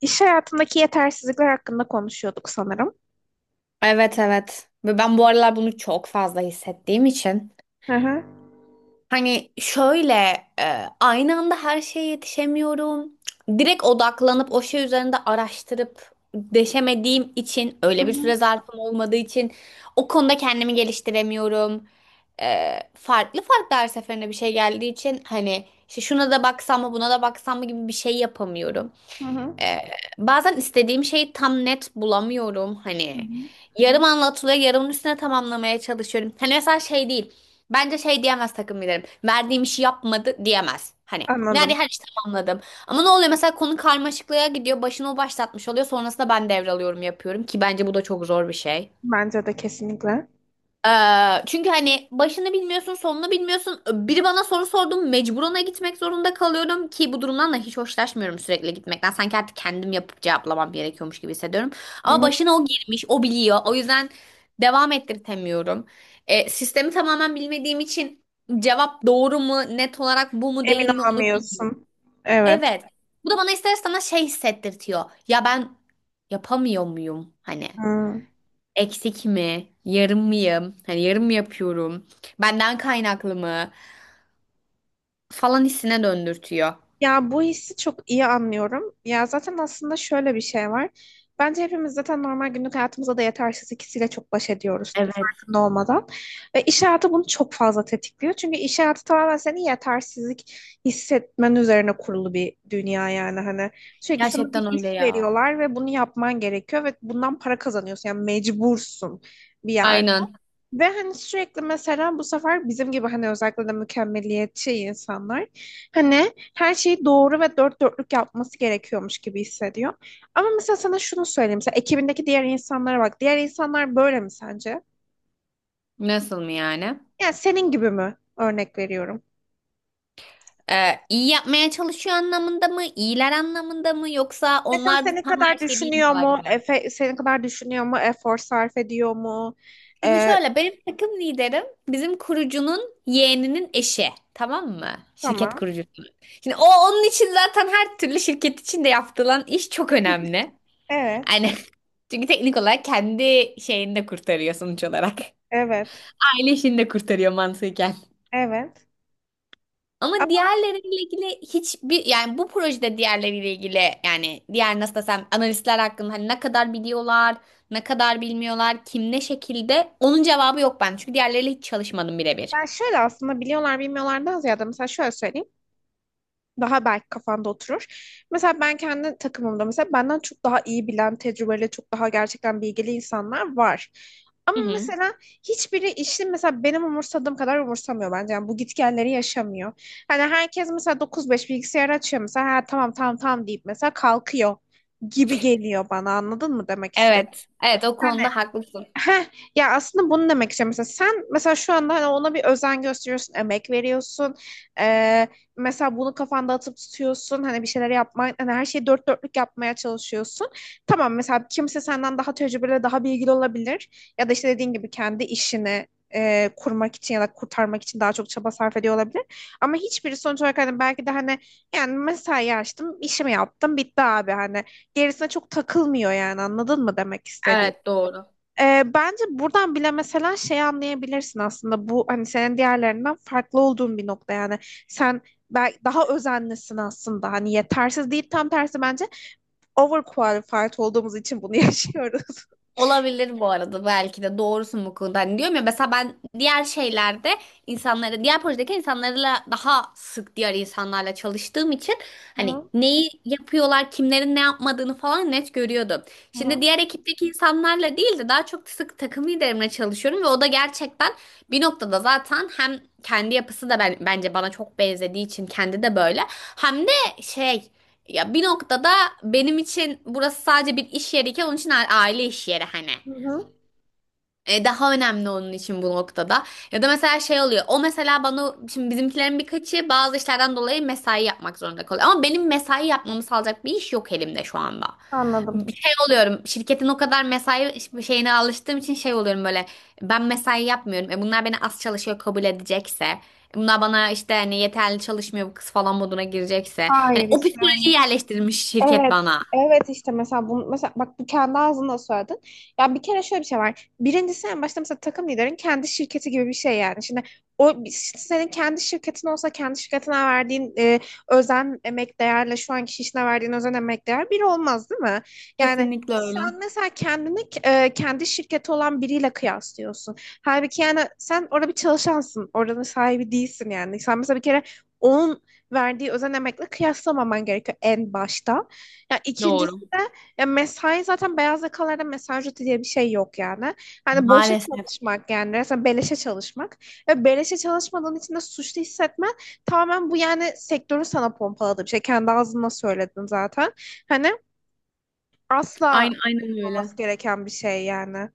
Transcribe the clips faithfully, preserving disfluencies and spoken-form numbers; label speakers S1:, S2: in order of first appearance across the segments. S1: İş hayatındaki yetersizlikler hakkında konuşuyorduk sanırım.
S2: Evet evet. Ve ben bu aralar bunu çok fazla hissettiğim için.
S1: Hı hı.
S2: Hani şöyle e, aynı anda her şeye yetişemiyorum. Direkt odaklanıp o şey üzerinde araştırıp deşemediğim için
S1: Hı
S2: öyle bir
S1: hı.
S2: süre zarfım olmadığı için o konuda kendimi geliştiremiyorum. E, farklı farklı her seferinde bir şey geldiği için hani işte şuna da baksam mı buna da baksam mı gibi bir şey yapamıyorum.
S1: Hı hı.
S2: Ee, Bazen istediğim şeyi tam net bulamıyorum.
S1: Hı
S2: Hani
S1: hı.
S2: yarım anlatılıyor, yarımın üstüne tamamlamaya çalışıyorum. Hani mesela şey değil. Bence şey diyemez takım liderim. Verdiğim işi yapmadı diyemez. Hani nerede
S1: Anladım.
S2: her işi tamamladım. Ama ne oluyor mesela konu karmaşıklığa gidiyor. Başını o başlatmış oluyor. Sonrasında ben devralıyorum yapıyorum ki bence bu da çok zor bir şey.
S1: Bence de kesinlikle.
S2: Ee, çünkü hani başını bilmiyorsun, sonunu bilmiyorsun. Biri bana soru sordu, mecburuna gitmek zorunda kalıyorum ki bu durumdan da hiç hoşlaşmıyorum sürekli gitmekten. Sanki artık kendim yapıp cevaplamam gerekiyormuş gibi hissediyorum.
S1: Hı
S2: Ama
S1: hı.
S2: başına o girmiş, o biliyor. O yüzden devam ettirtemiyorum. Ee, sistemi tamamen bilmediğim için cevap doğru mu, net olarak bu mu
S1: Emin
S2: değil mi onu bilmiyorum.
S1: olamıyorsun. Evet.
S2: Evet. Bu da bana ister istemez şey hissettirtiyor. Ya ben yapamıyor muyum hani?
S1: Hı.
S2: Eksik mi? Yarım mıyım? Hani yarım mı yapıyorum? Benden kaynaklı mı? Falan hissine döndürtüyor.
S1: Ya bu hissi çok iyi anlıyorum. Ya zaten aslında şöyle bir şey var. Bence hepimiz zaten normal günlük hayatımızda da yetersiz ikisiyle çok baş ediyoruz
S2: Evet.
S1: farkında olmadan. Ve iş hayatı bunu çok fazla tetikliyor. Çünkü iş hayatı tamamen seni yetersizlik hissetmen üzerine kurulu bir dünya yani. Hani sürekli sana bir
S2: Gerçekten
S1: iş
S2: öyle ya.
S1: veriyorlar ve bunu yapman gerekiyor ve bundan para kazanıyorsun. Yani mecbursun bir yerde.
S2: Aynen.
S1: Ve hani sürekli mesela bu sefer bizim gibi hani özellikle de mükemmeliyetçi insanlar hani her şeyi doğru ve dört dörtlük yapması gerekiyormuş gibi hissediyor. Ama mesela sana şunu söyleyeyim. Mesela ekibindeki diğer insanlara bak. Diğer insanlar böyle mi sence?
S2: Nasıl mı yani?
S1: Yani senin gibi mi? Örnek veriyorum.
S2: Ee, iyi yapmaya çalışıyor anlamında mı? İyiler anlamında mı? Yoksa
S1: Mesela
S2: onlar da
S1: senin
S2: tam her
S1: kadar
S2: şeyi
S1: düşünüyor
S2: bilmiyorlar
S1: mu?
S2: gibi mi?
S1: Efe, senin kadar düşünüyor mu? Efor sarf ediyor mu?
S2: Şimdi
S1: Ee,
S2: şöyle benim takım liderim bizim kurucunun yeğeninin eşi. Tamam mı? Şirket
S1: tamam.
S2: kurucusu. Şimdi o onun için zaten her türlü şirket içinde yapılan iş çok önemli.
S1: Evet.
S2: Aynen. Çünkü teknik olarak kendi şeyini de kurtarıyor sonuç olarak.
S1: Evet.
S2: Aile işini de kurtarıyor mantıken.
S1: Evet.
S2: Ama
S1: Ama
S2: diğerleriyle ilgili hiçbir yani bu projede diğerleriyle ilgili yani diğer nasıl desem analistler hakkında hani ne kadar biliyorlar, ne kadar bilmiyorlar, kim ne şekilde onun cevabı yok ben. Çünkü diğerleriyle hiç çalışmadım birebir.
S1: yani şöyle aslında biliyorlar bilmiyorlardan ziyade mesela şöyle söyleyeyim. Daha belki kafanda oturur. Mesela ben kendi takımımda mesela benden çok daha iyi bilen, tecrübeli, çok daha gerçekten bilgili insanlar var. Ama
S2: Hı hı.
S1: mesela hiçbiri işi mesela benim umursadığım kadar umursamıyor bence. Yani bu gitgelleri yaşamıyor. Hani herkes mesela dokuz beş bilgisayar açıyor mesela ha, tamam tamam tamam deyip mesela kalkıyor gibi geliyor bana anladın mı demek istedim.
S2: Evet. Evet o konuda haklısın.
S1: Heh, ya aslında bunu demek istiyorum. Mesela sen mesela şu anda hani ona bir özen gösteriyorsun, emek veriyorsun. Ee, Mesela bunu kafanda atıp tutuyorsun. Hani bir şeyler yapmaya, hani her şeyi dört dörtlük yapmaya çalışıyorsun. Tamam mesela kimse senden daha tecrübeli, daha bilgili olabilir. Ya da işte dediğin gibi kendi işini e, kurmak için ya da kurtarmak için daha çok çaba sarf ediyor olabilir. Ama hiçbiri sonuç olarak hani belki de hani yani mesai açtım, işimi yaptım, bitti abi hani. Gerisine çok takılmıyor yani anladın mı demek istediğimi?
S2: Evet doğru.
S1: Ee, bence buradan bile mesela şey anlayabilirsin aslında bu hani senin diğerlerinden farklı olduğun bir nokta yani sen belki daha özenlisin aslında hani yetersiz değil tam tersi bence overqualified olduğumuz için bunu yaşıyoruz.
S2: Olabilir bu arada belki de doğrusun bu konuda. Hani diyorum ya mesela ben diğer şeylerde insanları, diğer projedeki insanlarla daha sık diğer insanlarla çalıştığım için hani
S1: Hı
S2: neyi yapıyorlar, kimlerin ne yapmadığını falan net görüyordum. Şimdi
S1: hı.
S2: diğer ekipteki insanlarla değil de daha çok sık takım liderimle çalışıyorum ve o da gerçekten bir noktada zaten hem kendi yapısı da ben, bence bana çok benzediği için kendi de böyle hem de şey. Ya bir noktada benim için burası sadece bir iş yeriyken onun için a- aile iş yeri hani.
S1: Hı hı.
S2: E, daha önemli onun için bu noktada. Ya da mesela şey oluyor. O mesela bana şimdi bizimkilerin birkaçı bazı işlerden dolayı mesai yapmak zorunda kalıyor. Ama benim mesai yapmamı sağlayacak bir iş yok elimde şu anda.
S1: Anladım.
S2: Bir şey oluyorum. Şirketin o kadar mesai şeyine alıştığım için şey oluyorum böyle. Ben mesai yapmıyorum. E bunlar beni az çalışıyor kabul edecekse. e Bunlar bana işte hani yeterli çalışmıyor bu kız falan moduna girecekse. Hani
S1: Hayır
S2: o
S1: işte. Hani.
S2: psikolojiyi yerleştirmiş şirket
S1: Evet.
S2: bana.
S1: Evet işte mesela bunu mesela bak bu kendi ağzında söyledin. Ya bir kere şöyle bir şey var. Birincisi en başta mesela takım liderin kendi şirketi gibi bir şey yani. Şimdi o işte senin kendi şirketin olsa kendi şirketine verdiğin e, özen emek değerle şu anki işine verdiğin özen emek değer bir olmaz değil mi? Yani
S2: Kesinlikle öyle.
S1: sen mesela kendini e, kendi şirketi olan biriyle kıyaslıyorsun. Halbuki yani sen orada bir çalışansın. Oranın sahibi değilsin yani. Sen mesela bir kere onun verdiği özen emekle kıyaslamaman gerekiyor en başta. Ya ikincisi
S2: Doğru.
S1: de ya mesai zaten beyaz yakalarda mesai ücreti diye bir şey yok yani. Hani boşa
S2: Maalesef.
S1: çalışmak yani resmen beleşe çalışmak ve beleşe çalışmadığın için de suçlu hissetmen tamamen bu yani sektörün sana pompaladığı bir şey. Kendi ağzından söyledin zaten. Hani asla
S2: Aynen, aynen
S1: olmaması
S2: öyle.
S1: gereken bir şey yani.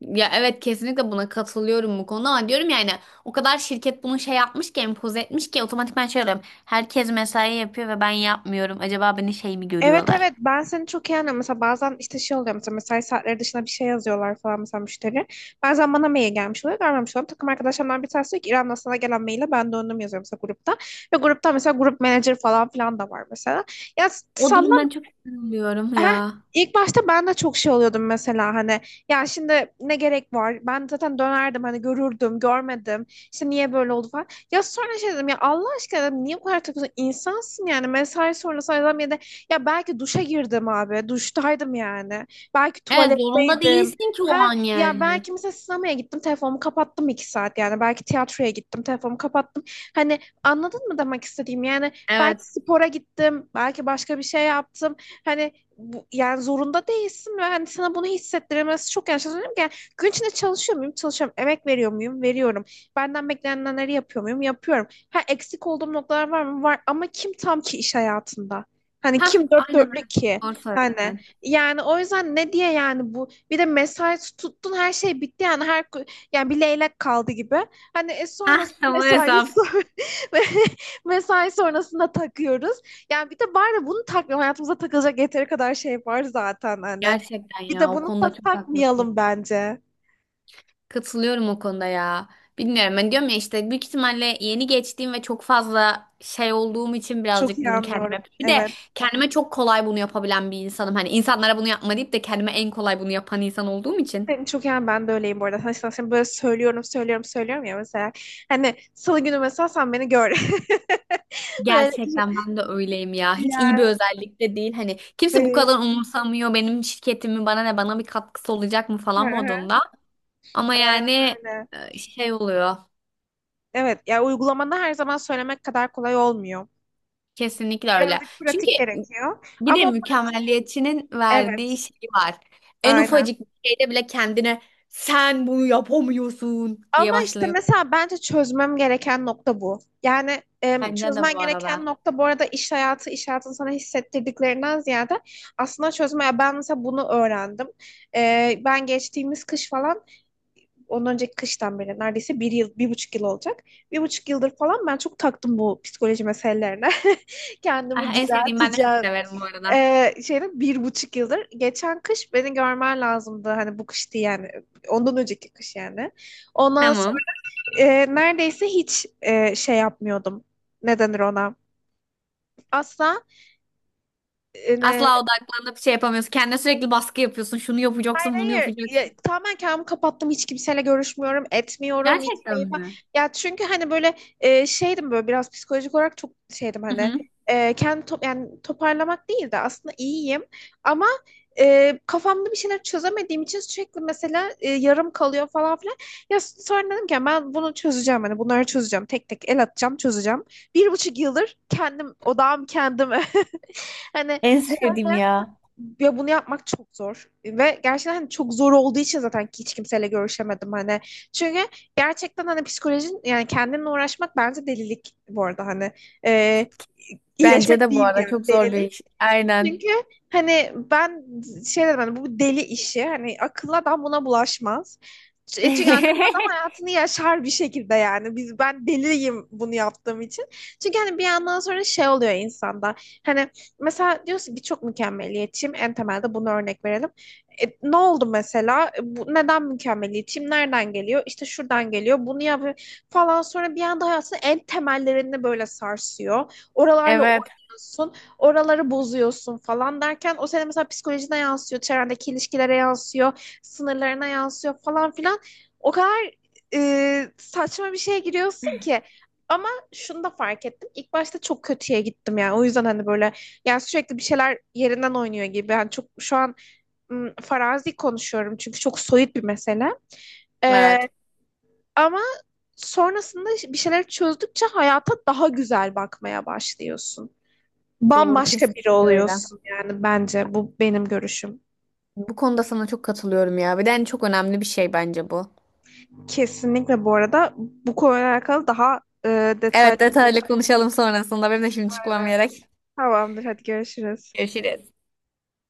S2: Ya evet kesinlikle buna katılıyorum bu konuda ama diyorum yani o kadar şirket bunu şey yapmış ki empoze etmiş ki otomatikman şey oluyorum. Herkes mesai yapıyor ve ben yapmıyorum. Acaba beni şey mi
S1: Evet
S2: görüyorlar?
S1: evet ben seni çok iyi anlıyorum. Mesela bazen işte şey oluyor mesela mesai saatleri dışında bir şey yazıyorlar falan mesela müşteri. Bazen bana mail gelmiş oluyor görmemiş oluyorum. Takım arkadaşlarımdan bir tanesi diyor ki İrem'den sana gelen maile ben döndüm yazıyorum mesela grupta. Ve grupta mesela grup manager falan filan da var mesela. Ya
S2: O
S1: salla.
S2: durumdan çok üzülüyorum
S1: Heh,
S2: ya.
S1: ilk başta ben de çok şey oluyordum mesela hani ya şimdi ne gerek var ben zaten dönerdim hani görürdüm görmedim işte niye böyle oldu falan ya sonra şey dedim ya Allah aşkına dedim, niye bu kadar takıyorsun insansın yani mesai sonrası adam ya da ya belki duşa girdim abi duştaydım yani belki
S2: Evet zorunda
S1: tuvaletteydim
S2: değilsin ki o
S1: ha
S2: an
S1: ya
S2: yani.
S1: belki mesela sinemaya gittim telefonumu kapattım iki saat yani belki tiyatroya gittim telefonumu kapattım hani anladın mı demek istediğim yani belki
S2: Evet.
S1: spora gittim belki başka bir şey yaptım. Hani bu, yani zorunda değilsin ve hani sana bunu hissettiremez çok yanlış anlıyorum ki yani gün içinde çalışıyor muyum çalışıyorum emek veriyor muyum veriyorum benden beklenenleri yapıyor muyum yapıyorum ha eksik olduğum noktalar var mı var ama kim tam ki iş hayatında hani
S2: Hah
S1: kim dört
S2: aynen
S1: dörtlük
S2: öyle.
S1: ki
S2: Doğru
S1: hani
S2: söyledin.
S1: yani o yüzden ne diye yani bu bir de mesai tuttun her şey bitti yani her yani bir leylek kaldı gibi hani e,
S2: Hah
S1: sonrasında
S2: bu
S1: mesai
S2: hesap.
S1: ve mesai sonrasında takıyoruz yani bir de var ya bunu takmayalım. Hayatımıza takılacak yeteri kadar şey var zaten hani.
S2: Gerçekten
S1: Bir de
S2: ya o
S1: bunu
S2: konuda
S1: da
S2: çok haklısın.
S1: takmayalım bence.
S2: Katılıyorum o konuda ya. Bilmiyorum ben diyorum ya işte büyük ihtimalle yeni geçtiğim ve çok fazla şey olduğum için
S1: Çok
S2: birazcık
S1: iyi
S2: bunu
S1: anlıyorum.
S2: kendime bir de
S1: Evet.
S2: kendime çok kolay bunu yapabilen bir insanım. Hani insanlara bunu yapma deyip de kendime en kolay bunu yapan insan olduğum için.
S1: Senin çok yani ben de öyleyim bu arada. Hani sana sen böyle söylüyorum, söylüyorum, söylüyorum ya mesela. Hani salı günü mesela sen beni gör. Böyle
S2: Gerçekten ben de öyleyim ya. Hiç iyi bir
S1: yani.
S2: özellik de değil. Hani kimse bu
S1: Hı
S2: kadar umursamıyor benim şirketimi bana ne bana bir katkısı olacak mı falan
S1: hı.
S2: modunda. Ama
S1: Aynen
S2: yani
S1: öyle.
S2: e, şey oluyor.
S1: Evet, ya uygulamada her zaman söylemek kadar kolay olmuyor.
S2: Kesinlikle öyle.
S1: Birazcık
S2: Çünkü
S1: pratik gerekiyor.
S2: bir de
S1: Ama o pra-
S2: mükemmelliyetçinin verdiği
S1: evet,
S2: şey var. En
S1: aynen.
S2: ufacık bir şeyde bile kendine sen bunu yapamıyorsun
S1: Ama
S2: diye
S1: işte
S2: başlıyor.
S1: mesela bence çözmem gereken nokta bu. Yani e,
S2: Bence de
S1: çözmen
S2: bu
S1: gereken
S2: arada.
S1: nokta bu arada iş hayatı, iş hayatının sana hissettirdiklerinden ziyade aslında çözmeye ben mesela bunu öğrendim. E, ben geçtiğimiz kış falan, ondan önceki kıştan beri neredeyse bir yıl, bir buçuk yıl olacak. Bir buçuk yıldır falan ben çok taktım bu psikoloji meselelerine.
S2: Ah,
S1: Kendimi
S2: en sevdiğim ben de çok
S1: düzelteceğim.
S2: severim bu arada.
S1: E, şeyde bir buçuk yıldır. Geçen kış beni görmen lazımdı. Hani bu kış değil yani. Ondan önceki kış yani. Ondan
S2: Tamam.
S1: e, neredeyse hiç e, şey yapmıyordum. Ne denir ona? Asla e,
S2: Asla odaklanıp şey yapamıyorsun. Kendine sürekli baskı yapıyorsun. Şunu yapacaksın, bunu
S1: Hayır, ya,
S2: yapacaksın.
S1: tamamen kendimi kapattım. Hiç kimseyle görüşmüyorum, etmiyorum. Hiç
S2: Gerçekten
S1: şey falan.
S2: mi?
S1: Ya çünkü hani böyle e, şeydim böyle biraz psikolojik olarak çok şeydim
S2: Hı
S1: hani
S2: hı.
S1: e, kendi top, yani toparlamak değil de aslında iyiyim. Ama e, kafamda bir şeyler çözemediğim için sürekli mesela e, yarım kalıyor falan filan. Ya s- sonra dedim ki ben bunu çözeceğim hani bunları çözeceğim. Tek tek el atacağım, çözeceğim. Bir buçuk yıldır kendim odağım kendime. Hani
S2: En sevdiğim
S1: şöyle
S2: ya.
S1: ya bunu yapmak çok zor ve gerçekten hani çok zor olduğu için zaten hiç kimseyle görüşemedim hani. Çünkü gerçekten hani psikolojin yani kendinle uğraşmak bence delilik bu arada hani. Ee,
S2: Bence
S1: iyileşmek
S2: de bu
S1: değil
S2: arada
S1: yani
S2: çok zor bir
S1: delilik.
S2: iş. Aynen.
S1: Çünkü hani ben şey dedim hani bu deli işi hani akıllı adam buna bulaşmaz. E Çünkü akıllı adam hayatını yaşar bir şekilde yani. Biz ben deliyim bunu yaptığım için. Çünkü hani bir yandan sonra şey oluyor insanda. Hani mesela diyorsun ki çok mükemmeliyetçiyim. En temelde bunu örnek verelim. E, ne oldu mesela? E, Bu, neden mükemmeliyetçiyim? Nereden geliyor? İşte şuradan geliyor. Bunu yapıyor falan. Sonra bir anda hayatını en temellerini böyle sarsıyor. Oralarla oynuyorsun
S2: Evet.
S1: oraları bozuyorsun falan derken o senin mesela psikolojine yansıyor, çevrendeki ilişkilere yansıyor, sınırlarına yansıyor falan filan. O kadar e, saçma bir şeye giriyorsun ki. Ama şunu da fark ettim. İlk başta çok kötüye gittim yani. O yüzden hani böyle yani sürekli bir şeyler yerinden oynuyor gibi. Yani çok şu an ım, farazi konuşuyorum çünkü çok soyut bir mesele. Ee,
S2: Evet.
S1: Ama sonrasında bir şeyler çözdükçe hayata daha güzel bakmaya başlıyorsun
S2: Doğru
S1: bambaşka biri
S2: kesinlikle öyle.
S1: oluyorsun yani bence bu benim görüşüm.
S2: Bu konuda sana çok katılıyorum ya. Bir de en çok önemli bir şey bence bu.
S1: Kesinlikle bu arada bu konuyla alakalı daha e, detaylı.
S2: Evet detaylı konuşalım sonrasında. Benim de şimdi çıkmam gerek.
S1: Tamamdır hadi görüşürüz.
S2: Görüşürüz.